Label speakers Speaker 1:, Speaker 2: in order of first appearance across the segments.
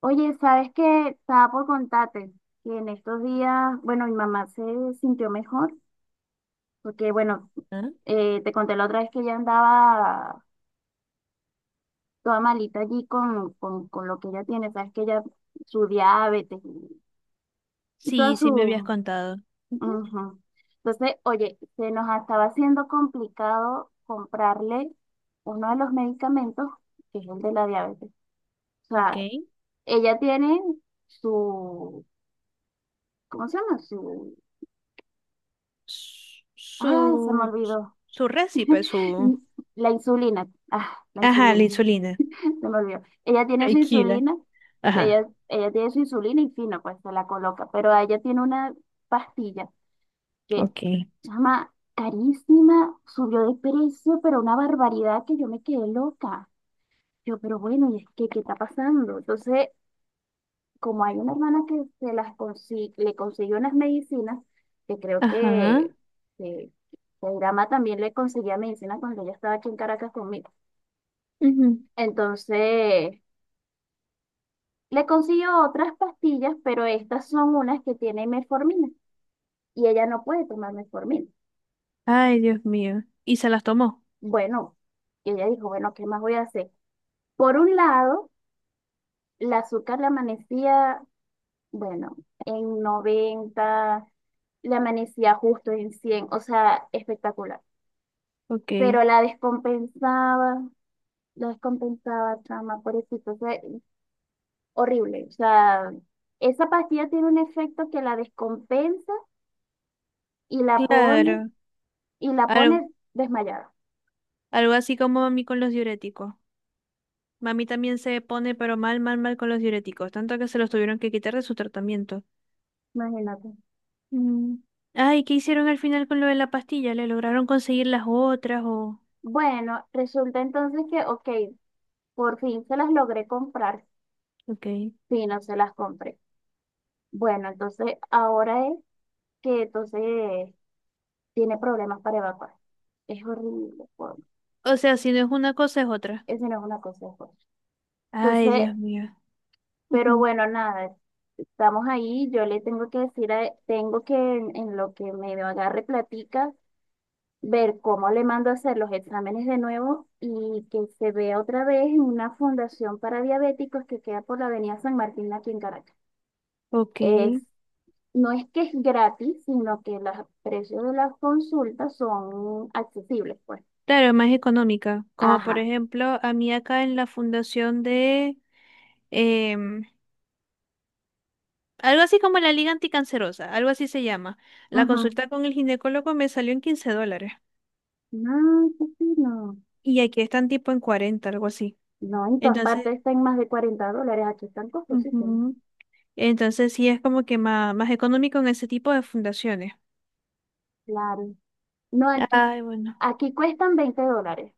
Speaker 1: Oye, ¿sabes qué? Estaba por contarte que en estos días, bueno, mi mamá se sintió mejor, porque bueno,
Speaker 2: Ah,
Speaker 1: te conté la otra vez que ella andaba toda malita allí con lo que ella tiene, sabes que ella, su diabetes y toda
Speaker 2: sí, sí me habías
Speaker 1: su...
Speaker 2: contado. Ujú.
Speaker 1: ujú. Entonces, oye, se nos estaba haciendo complicado comprarle uno de los medicamentos, que es el de la diabetes. O
Speaker 2: Ok.
Speaker 1: sea, ella tiene su... ¿Cómo se llama?
Speaker 2: S-
Speaker 1: Ay, se me
Speaker 2: Su,
Speaker 1: olvidó.
Speaker 2: su récipe, su...
Speaker 1: La insulina. Ah, la
Speaker 2: Ajá, la
Speaker 1: insulina.
Speaker 2: insulina.
Speaker 1: Se me olvidó. Ella tiene su
Speaker 2: Tequila.
Speaker 1: insulina.
Speaker 2: Ajá.
Speaker 1: Ella tiene su insulina y fino, pues se la coloca. Pero ella tiene una pastilla que
Speaker 2: Ok.
Speaker 1: se llama carísima, subió de precio, pero una barbaridad que yo me quedé loca. Yo, pero bueno, ¿y es que qué está pasando? Entonces como hay una hermana que le consiguió unas medicinas, que creo
Speaker 2: Ajá.
Speaker 1: que, que Irama también le conseguía medicina cuando ella estaba aquí en Caracas conmigo.
Speaker 2: Ujú.
Speaker 1: Entonces, le consiguió otras pastillas, pero estas son unas que tienen metformina y ella no puede tomar metformina.
Speaker 2: Ay, Dios mío. Y se las tomó.
Speaker 1: Bueno, y ella dijo, bueno, ¿qué más voy a hacer? Por un lado, el azúcar le amanecía, bueno, en 90, le amanecía justo en 100, o sea, espectacular.
Speaker 2: Ok.
Speaker 1: Pero la descompensaba, chama, pobrecito, o sea, horrible. O sea, esa pastilla tiene un efecto que la descompensa y la pone,
Speaker 2: Claro.
Speaker 1: y la
Speaker 2: Algo,
Speaker 1: pone desmayada,
Speaker 2: algo así como mami con los diuréticos. Mami también se pone, pero mal, mal, mal con los diuréticos. Tanto que se los tuvieron que quitar de su tratamiento.
Speaker 1: imagínate.
Speaker 2: Mm. Ay, ¿qué hicieron al final con lo de la pastilla? ¿Le lograron conseguir las otras o...?
Speaker 1: Bueno, resulta entonces que, ok, por fin se las logré comprar,
Speaker 2: Ok.
Speaker 1: sí, no se las compré. Bueno, entonces ahora es que entonces tiene problemas para evacuar. Es horrible,
Speaker 2: O sea, si no es una cosa, es otra.
Speaker 1: eso no es una cosa, es otra.
Speaker 2: Ay,
Speaker 1: Entonces,
Speaker 2: Dios mío.
Speaker 1: pero
Speaker 2: Ujú.
Speaker 1: bueno, nada, estamos ahí, yo le tengo que decir, tengo que en lo que me agarre platica, ver cómo le mando a hacer los exámenes de nuevo y que se vea otra vez en una fundación para diabéticos que queda por la Avenida San Martín aquí en Caracas.
Speaker 2: Ok.
Speaker 1: Es, no es que es gratis, sino que los precios de las consultas son accesibles, pues.
Speaker 2: Claro, es más económica. Como por
Speaker 1: Ajá.
Speaker 2: ejemplo, a mí acá en la fundación de... em, algo así como la Liga Anticancerosa, algo así se llama. La
Speaker 1: Ujú.
Speaker 2: consulta con el ginecólogo me salió en $15.
Speaker 1: No, sí, sí, no.
Speaker 2: Y aquí están tipo en 40, algo así.
Speaker 1: No, en todas
Speaker 2: Entonces,
Speaker 1: partes están más de $40, aquí están costosísimos.
Speaker 2: ujú, entonces sí es como que más, más económico en ese tipo de fundaciones.
Speaker 1: Claro. No, aquí
Speaker 2: Ay, bueno.
Speaker 1: aquí cuestan $20.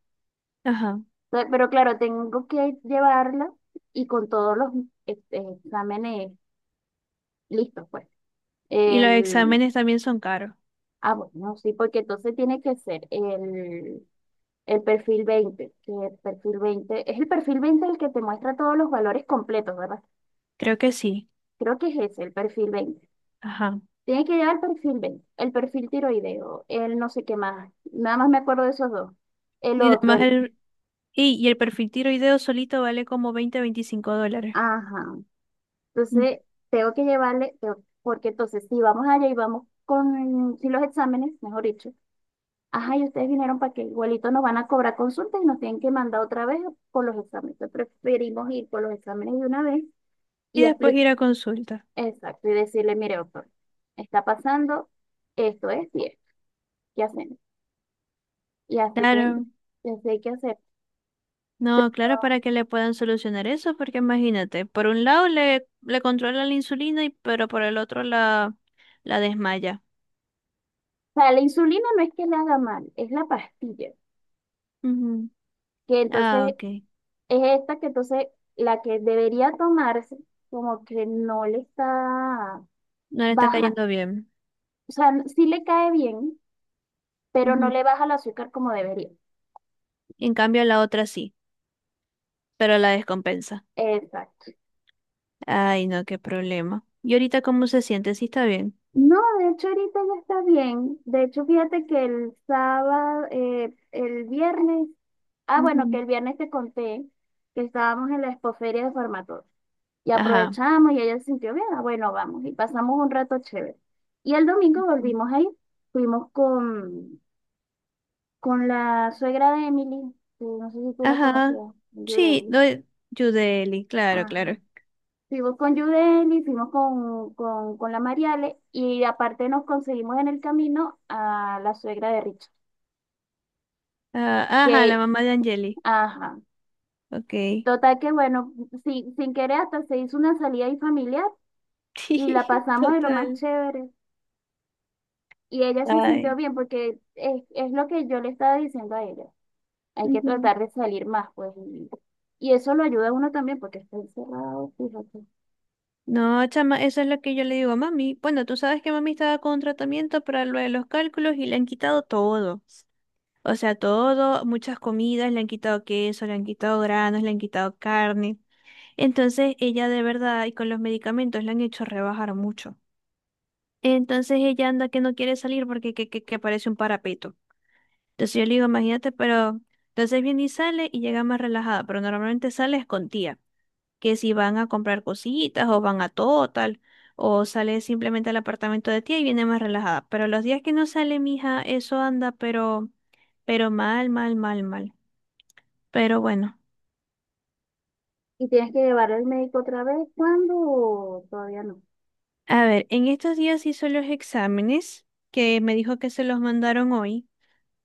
Speaker 2: Ajá.
Speaker 1: Entonces, pero claro, tengo que llevarla y con todos los exámenes listos, pues.
Speaker 2: Y los
Speaker 1: El,
Speaker 2: exámenes también son caros.
Speaker 1: ah, bueno, sí, porque entonces tiene que ser el perfil 20, que el perfil 20 es el perfil 20 el que te muestra todos los valores completos, ¿verdad?
Speaker 2: Creo que sí.
Speaker 1: Creo que es ese, el perfil 20.
Speaker 2: Ajá.
Speaker 1: Tiene que llevar el perfil 20, el perfil tiroideo, el no sé qué más, nada más me acuerdo de esos dos. El
Speaker 2: Y nada
Speaker 1: otro,
Speaker 2: más
Speaker 1: el,
Speaker 2: el, y el perfil tiroideo solito vale como $20 a $25.
Speaker 1: ajá.
Speaker 2: Mm.
Speaker 1: Entonces, tengo que llevarle, porque entonces, si vamos allá y vamos con, si los exámenes, mejor dicho, ajá, y ustedes vinieron para que igualito nos van a cobrar consultas y nos tienen que mandar otra vez por los exámenes. Entonces, preferimos ir por los exámenes de una vez
Speaker 2: Y
Speaker 1: y
Speaker 2: después
Speaker 1: explicar,
Speaker 2: ir a consulta.
Speaker 1: exacto, y decirle, mire, doctor, está pasando esto, es y esto, ¿qué hacemos? Y así,
Speaker 2: Claro,
Speaker 1: y así hay que hacer.
Speaker 2: no, claro, para que le puedan solucionar eso, porque imagínate, por un lado le controla la insulina, y, pero por el otro la desmaya.
Speaker 1: O sea, la insulina no es que la haga mal, es la pastilla,
Speaker 2: Ujú.
Speaker 1: que entonces
Speaker 2: Ah, ok.
Speaker 1: es esta que entonces la que debería tomarse, como que no le está
Speaker 2: No le está
Speaker 1: baja,
Speaker 2: cayendo bien.
Speaker 1: o sea, sí le cae bien, pero no
Speaker 2: Ujú.
Speaker 1: le baja el azúcar como debería.
Speaker 2: En cambio, la otra sí, pero la descompensa.
Speaker 1: Exacto.
Speaker 2: Ay, no, qué problema. ¿Y ahorita cómo se siente? Sí, está bien.
Speaker 1: No, de hecho ahorita ya está bien. De hecho, fíjate que el sábado, el viernes, ah, bueno, que
Speaker 2: Ujú.
Speaker 1: el viernes te conté que estábamos en la expoferia de Formator y
Speaker 2: Ajá.
Speaker 1: aprovechamos y ella se sintió bien, ah, bueno, vamos, y pasamos un rato chévere. Y el domingo volvimos ahí, fuimos con la suegra de Emily, que no sé si tú la
Speaker 2: Ajá.
Speaker 1: conocías,
Speaker 2: Sí,
Speaker 1: Yudeli.
Speaker 2: no, Yudeli, claro, claro.
Speaker 1: Ajá. Fuimos con Yudeli, fuimos con la Mariale y aparte nos conseguimos en el camino a la suegra de Richard.
Speaker 2: Ah, ajá, la
Speaker 1: Que,
Speaker 2: mamá de Angeli.
Speaker 1: ajá.
Speaker 2: Ok.
Speaker 1: Total que bueno, sin querer hasta se hizo una salida ahí familiar y la pasamos de lo más
Speaker 2: Total.
Speaker 1: chévere. Y ella se sintió
Speaker 2: Ay.
Speaker 1: bien porque es lo que yo le estaba diciendo a ella. Hay que
Speaker 2: Ujú.
Speaker 1: tratar de salir más, pues. Y eso lo ayuda a uno también porque está encerrado, fíjate.
Speaker 2: No, chama, eso es lo que yo le digo a mami. Bueno, tú sabes que mami estaba con tratamiento para lo de los cálculos y le han quitado todo. O sea, todo, muchas comidas, le han quitado queso, le han quitado granos, le han quitado carne. Entonces, ella de verdad, y con los medicamentos, le han hecho rebajar mucho. Entonces, ella anda que no quiere salir porque que parece un parapeto. Entonces yo le digo, imagínate, pero entonces viene y sale y llega más relajada, pero normalmente sales con tía, que si van a comprar cositas o van a Total, o sale simplemente al apartamento de tía y viene más relajada. Pero los días que no sale, mija, eso anda, pero mal, mal, mal, mal. Pero bueno,
Speaker 1: ¿Y tienes que llevar al médico otra vez? ¿Cuándo? O todavía no.
Speaker 2: a ver, en estos días hizo los exámenes, que me dijo que se los mandaron hoy,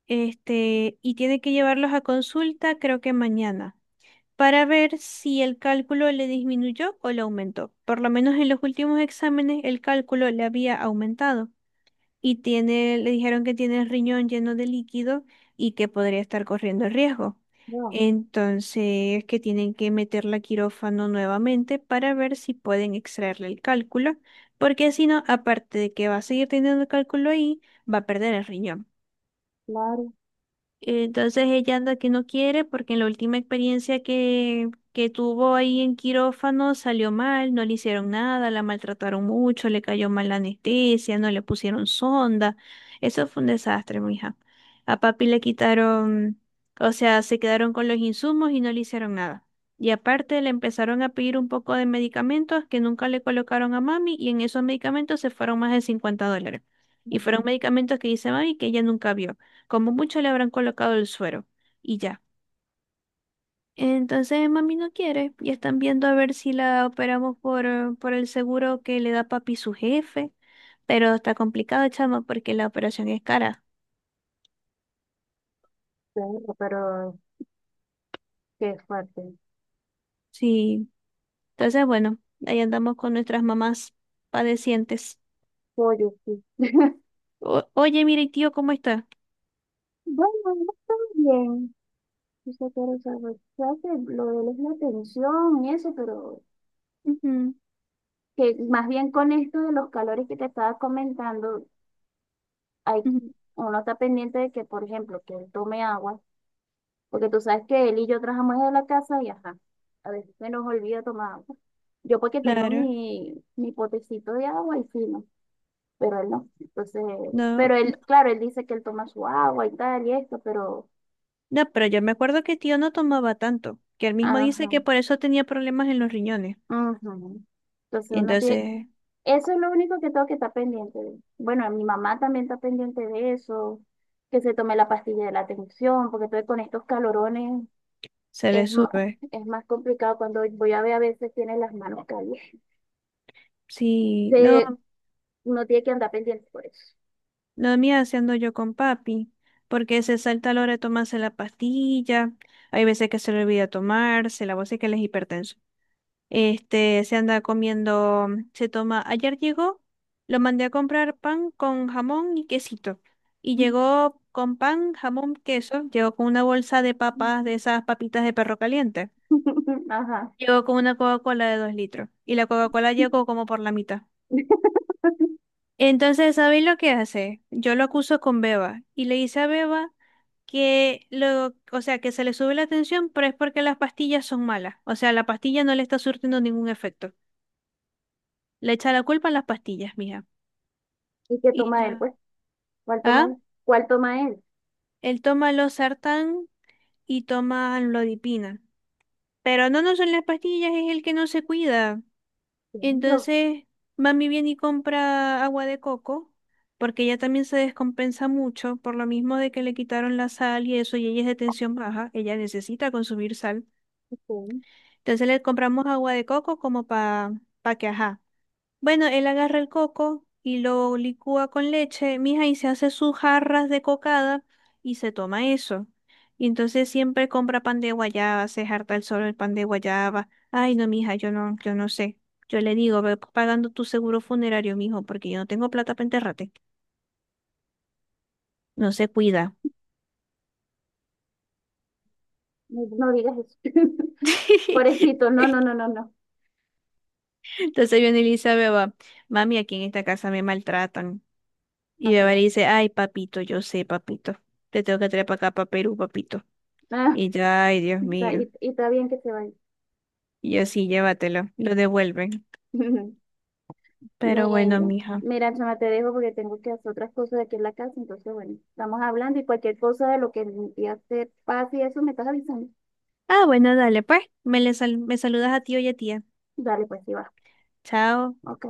Speaker 2: este, y tiene que llevarlos a consulta, creo que mañana, para ver si el cálculo le disminuyó o le aumentó. Por lo menos en los últimos exámenes el cálculo le había aumentado y tiene, le dijeron que tiene el riñón lleno de líquido y que podría estar corriendo el riesgo.
Speaker 1: No,
Speaker 2: Entonces, que tienen que meterla a quirófano nuevamente para ver si pueden extraerle el cálculo, porque si no, aparte de que va a seguir teniendo el cálculo ahí, va a perder el riñón.
Speaker 1: claro.
Speaker 2: Entonces ella anda que no quiere porque en la última experiencia que tuvo ahí en quirófano salió mal, no le hicieron nada, la maltrataron mucho, le cayó mal la anestesia, no le pusieron sonda. Eso fue un desastre, mija. A papi le quitaron, o sea, se quedaron con los insumos y no le hicieron nada. Y aparte le empezaron a pedir un poco de medicamentos que nunca le colocaron a mami y en esos medicamentos se fueron más de $50. Y fueron
Speaker 1: Ujú,
Speaker 2: medicamentos que dice mami que ella nunca vio. Como mucho le habrán colocado el suero y ya. Entonces mami no quiere y están viendo a ver si la operamos por el seguro que le da papi su jefe, pero está complicado, chama, porque la operación es cara.
Speaker 1: claro, pero qué fuerte.
Speaker 2: Sí, entonces bueno, ahí andamos con nuestras mamás padecientes.
Speaker 1: Pollo, sí.
Speaker 2: Oye, mire, ¿y tío, ¿cómo está?
Speaker 1: Bueno, no está bien. Yo sé que lo sabes. Claro que lo de él es la tensión y eso, pero
Speaker 2: Ujú,
Speaker 1: que más bien con esto de los calores que te estaba comentando, hay,
Speaker 2: ujú,
Speaker 1: uno está pendiente de que, por ejemplo, que él tome agua. Porque tú sabes que él y yo trabajamos en la casa y ajá, a veces se nos olvida tomar agua. Yo porque tengo
Speaker 2: claro,
Speaker 1: mi potecito de agua y fino, pero él no. Entonces,
Speaker 2: no,
Speaker 1: pero
Speaker 2: no,
Speaker 1: él, claro, él dice que él toma su agua y tal y esto, pero
Speaker 2: no, pero yo me acuerdo que tío no tomaba tanto, que él mismo dice
Speaker 1: ajá,
Speaker 2: que por eso tenía problemas en los riñones.
Speaker 1: ajá. Entonces uno tiene,
Speaker 2: Entonces
Speaker 1: eso es lo único que tengo que estar pendiente de. Bueno, mi mamá también está pendiente de eso, que se tome la pastilla de la tensión, porque estoy con estos calorones,
Speaker 2: se le
Speaker 1: es más,
Speaker 2: sube.
Speaker 1: es más complicado cuando voy a ver a veces tiene las manos calientes.
Speaker 2: Sí,
Speaker 1: Se,
Speaker 2: no,
Speaker 1: uno tiene que andar pendiente por eso.
Speaker 2: la mía haciendo yo con papi, porque se salta a la hora de tomarse la pastilla, hay veces que se le olvida tomarse, la voz es que él es hipertenso. Este, se anda comiendo, se toma, ayer llegó, lo mandé a comprar pan con jamón y quesito, y llegó con pan, jamón, queso, llegó con una bolsa de papas, de esas papitas de perro caliente,
Speaker 1: Ajá.
Speaker 2: llegó con una Coca-Cola de 2 litros, y la Coca-Cola llegó como por la mitad. Entonces, ¿sabéis lo que hace? Yo lo acuso con Beba y le dice a Beba que lo, o sea, que se le sube la tensión, pero es porque las pastillas son malas. O sea, la pastilla no le está surtiendo ningún efecto. Le echa la culpa a las pastillas, mija.
Speaker 1: ¿Y qué
Speaker 2: Y
Speaker 1: toma él,
Speaker 2: yo,
Speaker 1: pues? ¿Cuál toma
Speaker 2: ah,
Speaker 1: él? ¿Cuál toma él?
Speaker 2: él toma losartán y toma lodipina. Pero no, no son las pastillas, es el que no se cuida.
Speaker 1: Claro,
Speaker 2: Entonces, mami viene y compra agua de coco, porque ella también se descompensa mucho por lo mismo de que le quitaron la sal y eso, y ella es de tensión baja, ella necesita consumir sal.
Speaker 1: ok.
Speaker 2: Entonces le compramos agua de coco como para pa pa que, ajá. Bueno, él agarra el coco y lo licúa con leche, mija, y se hace sus jarras de cocada y se toma eso. Y entonces siempre compra pan de guayaba, se harta el solo el pan de guayaba. Ay, no, mija, yo no, yo no sé. Yo le digo, ve pagando tu seguro funerario, mijo, porque yo no tengo plata para enterrarte. No se cuida.
Speaker 1: No, no digas eso. Pobrecito, no, no, no, no, no.
Speaker 2: Entonces viene y le dice a Beba, mami, aquí en esta casa me maltratan. Y
Speaker 1: Ah,
Speaker 2: Beba le
Speaker 1: claro.
Speaker 2: dice, ay, papito, yo sé, papito. Te tengo que traer para acá, para Perú, papito.
Speaker 1: Ah,
Speaker 2: Y ya, ay, Dios mío.
Speaker 1: y está bien que se vaya.
Speaker 2: Y yo sí, llévatelo, lo devuelven.
Speaker 1: Mira,
Speaker 2: Pero bueno, mija.
Speaker 1: mira, chama, te dejo porque tengo que hacer otras cosas aquí en la casa. Entonces, bueno, estamos hablando y cualquier cosa de lo que mi tía te pase y eso me estás avisando.
Speaker 2: Ah, bueno, dale, pues. Me saludas a tío y a tía.
Speaker 1: Dale, pues, sí va.
Speaker 2: Chao.
Speaker 1: Ok.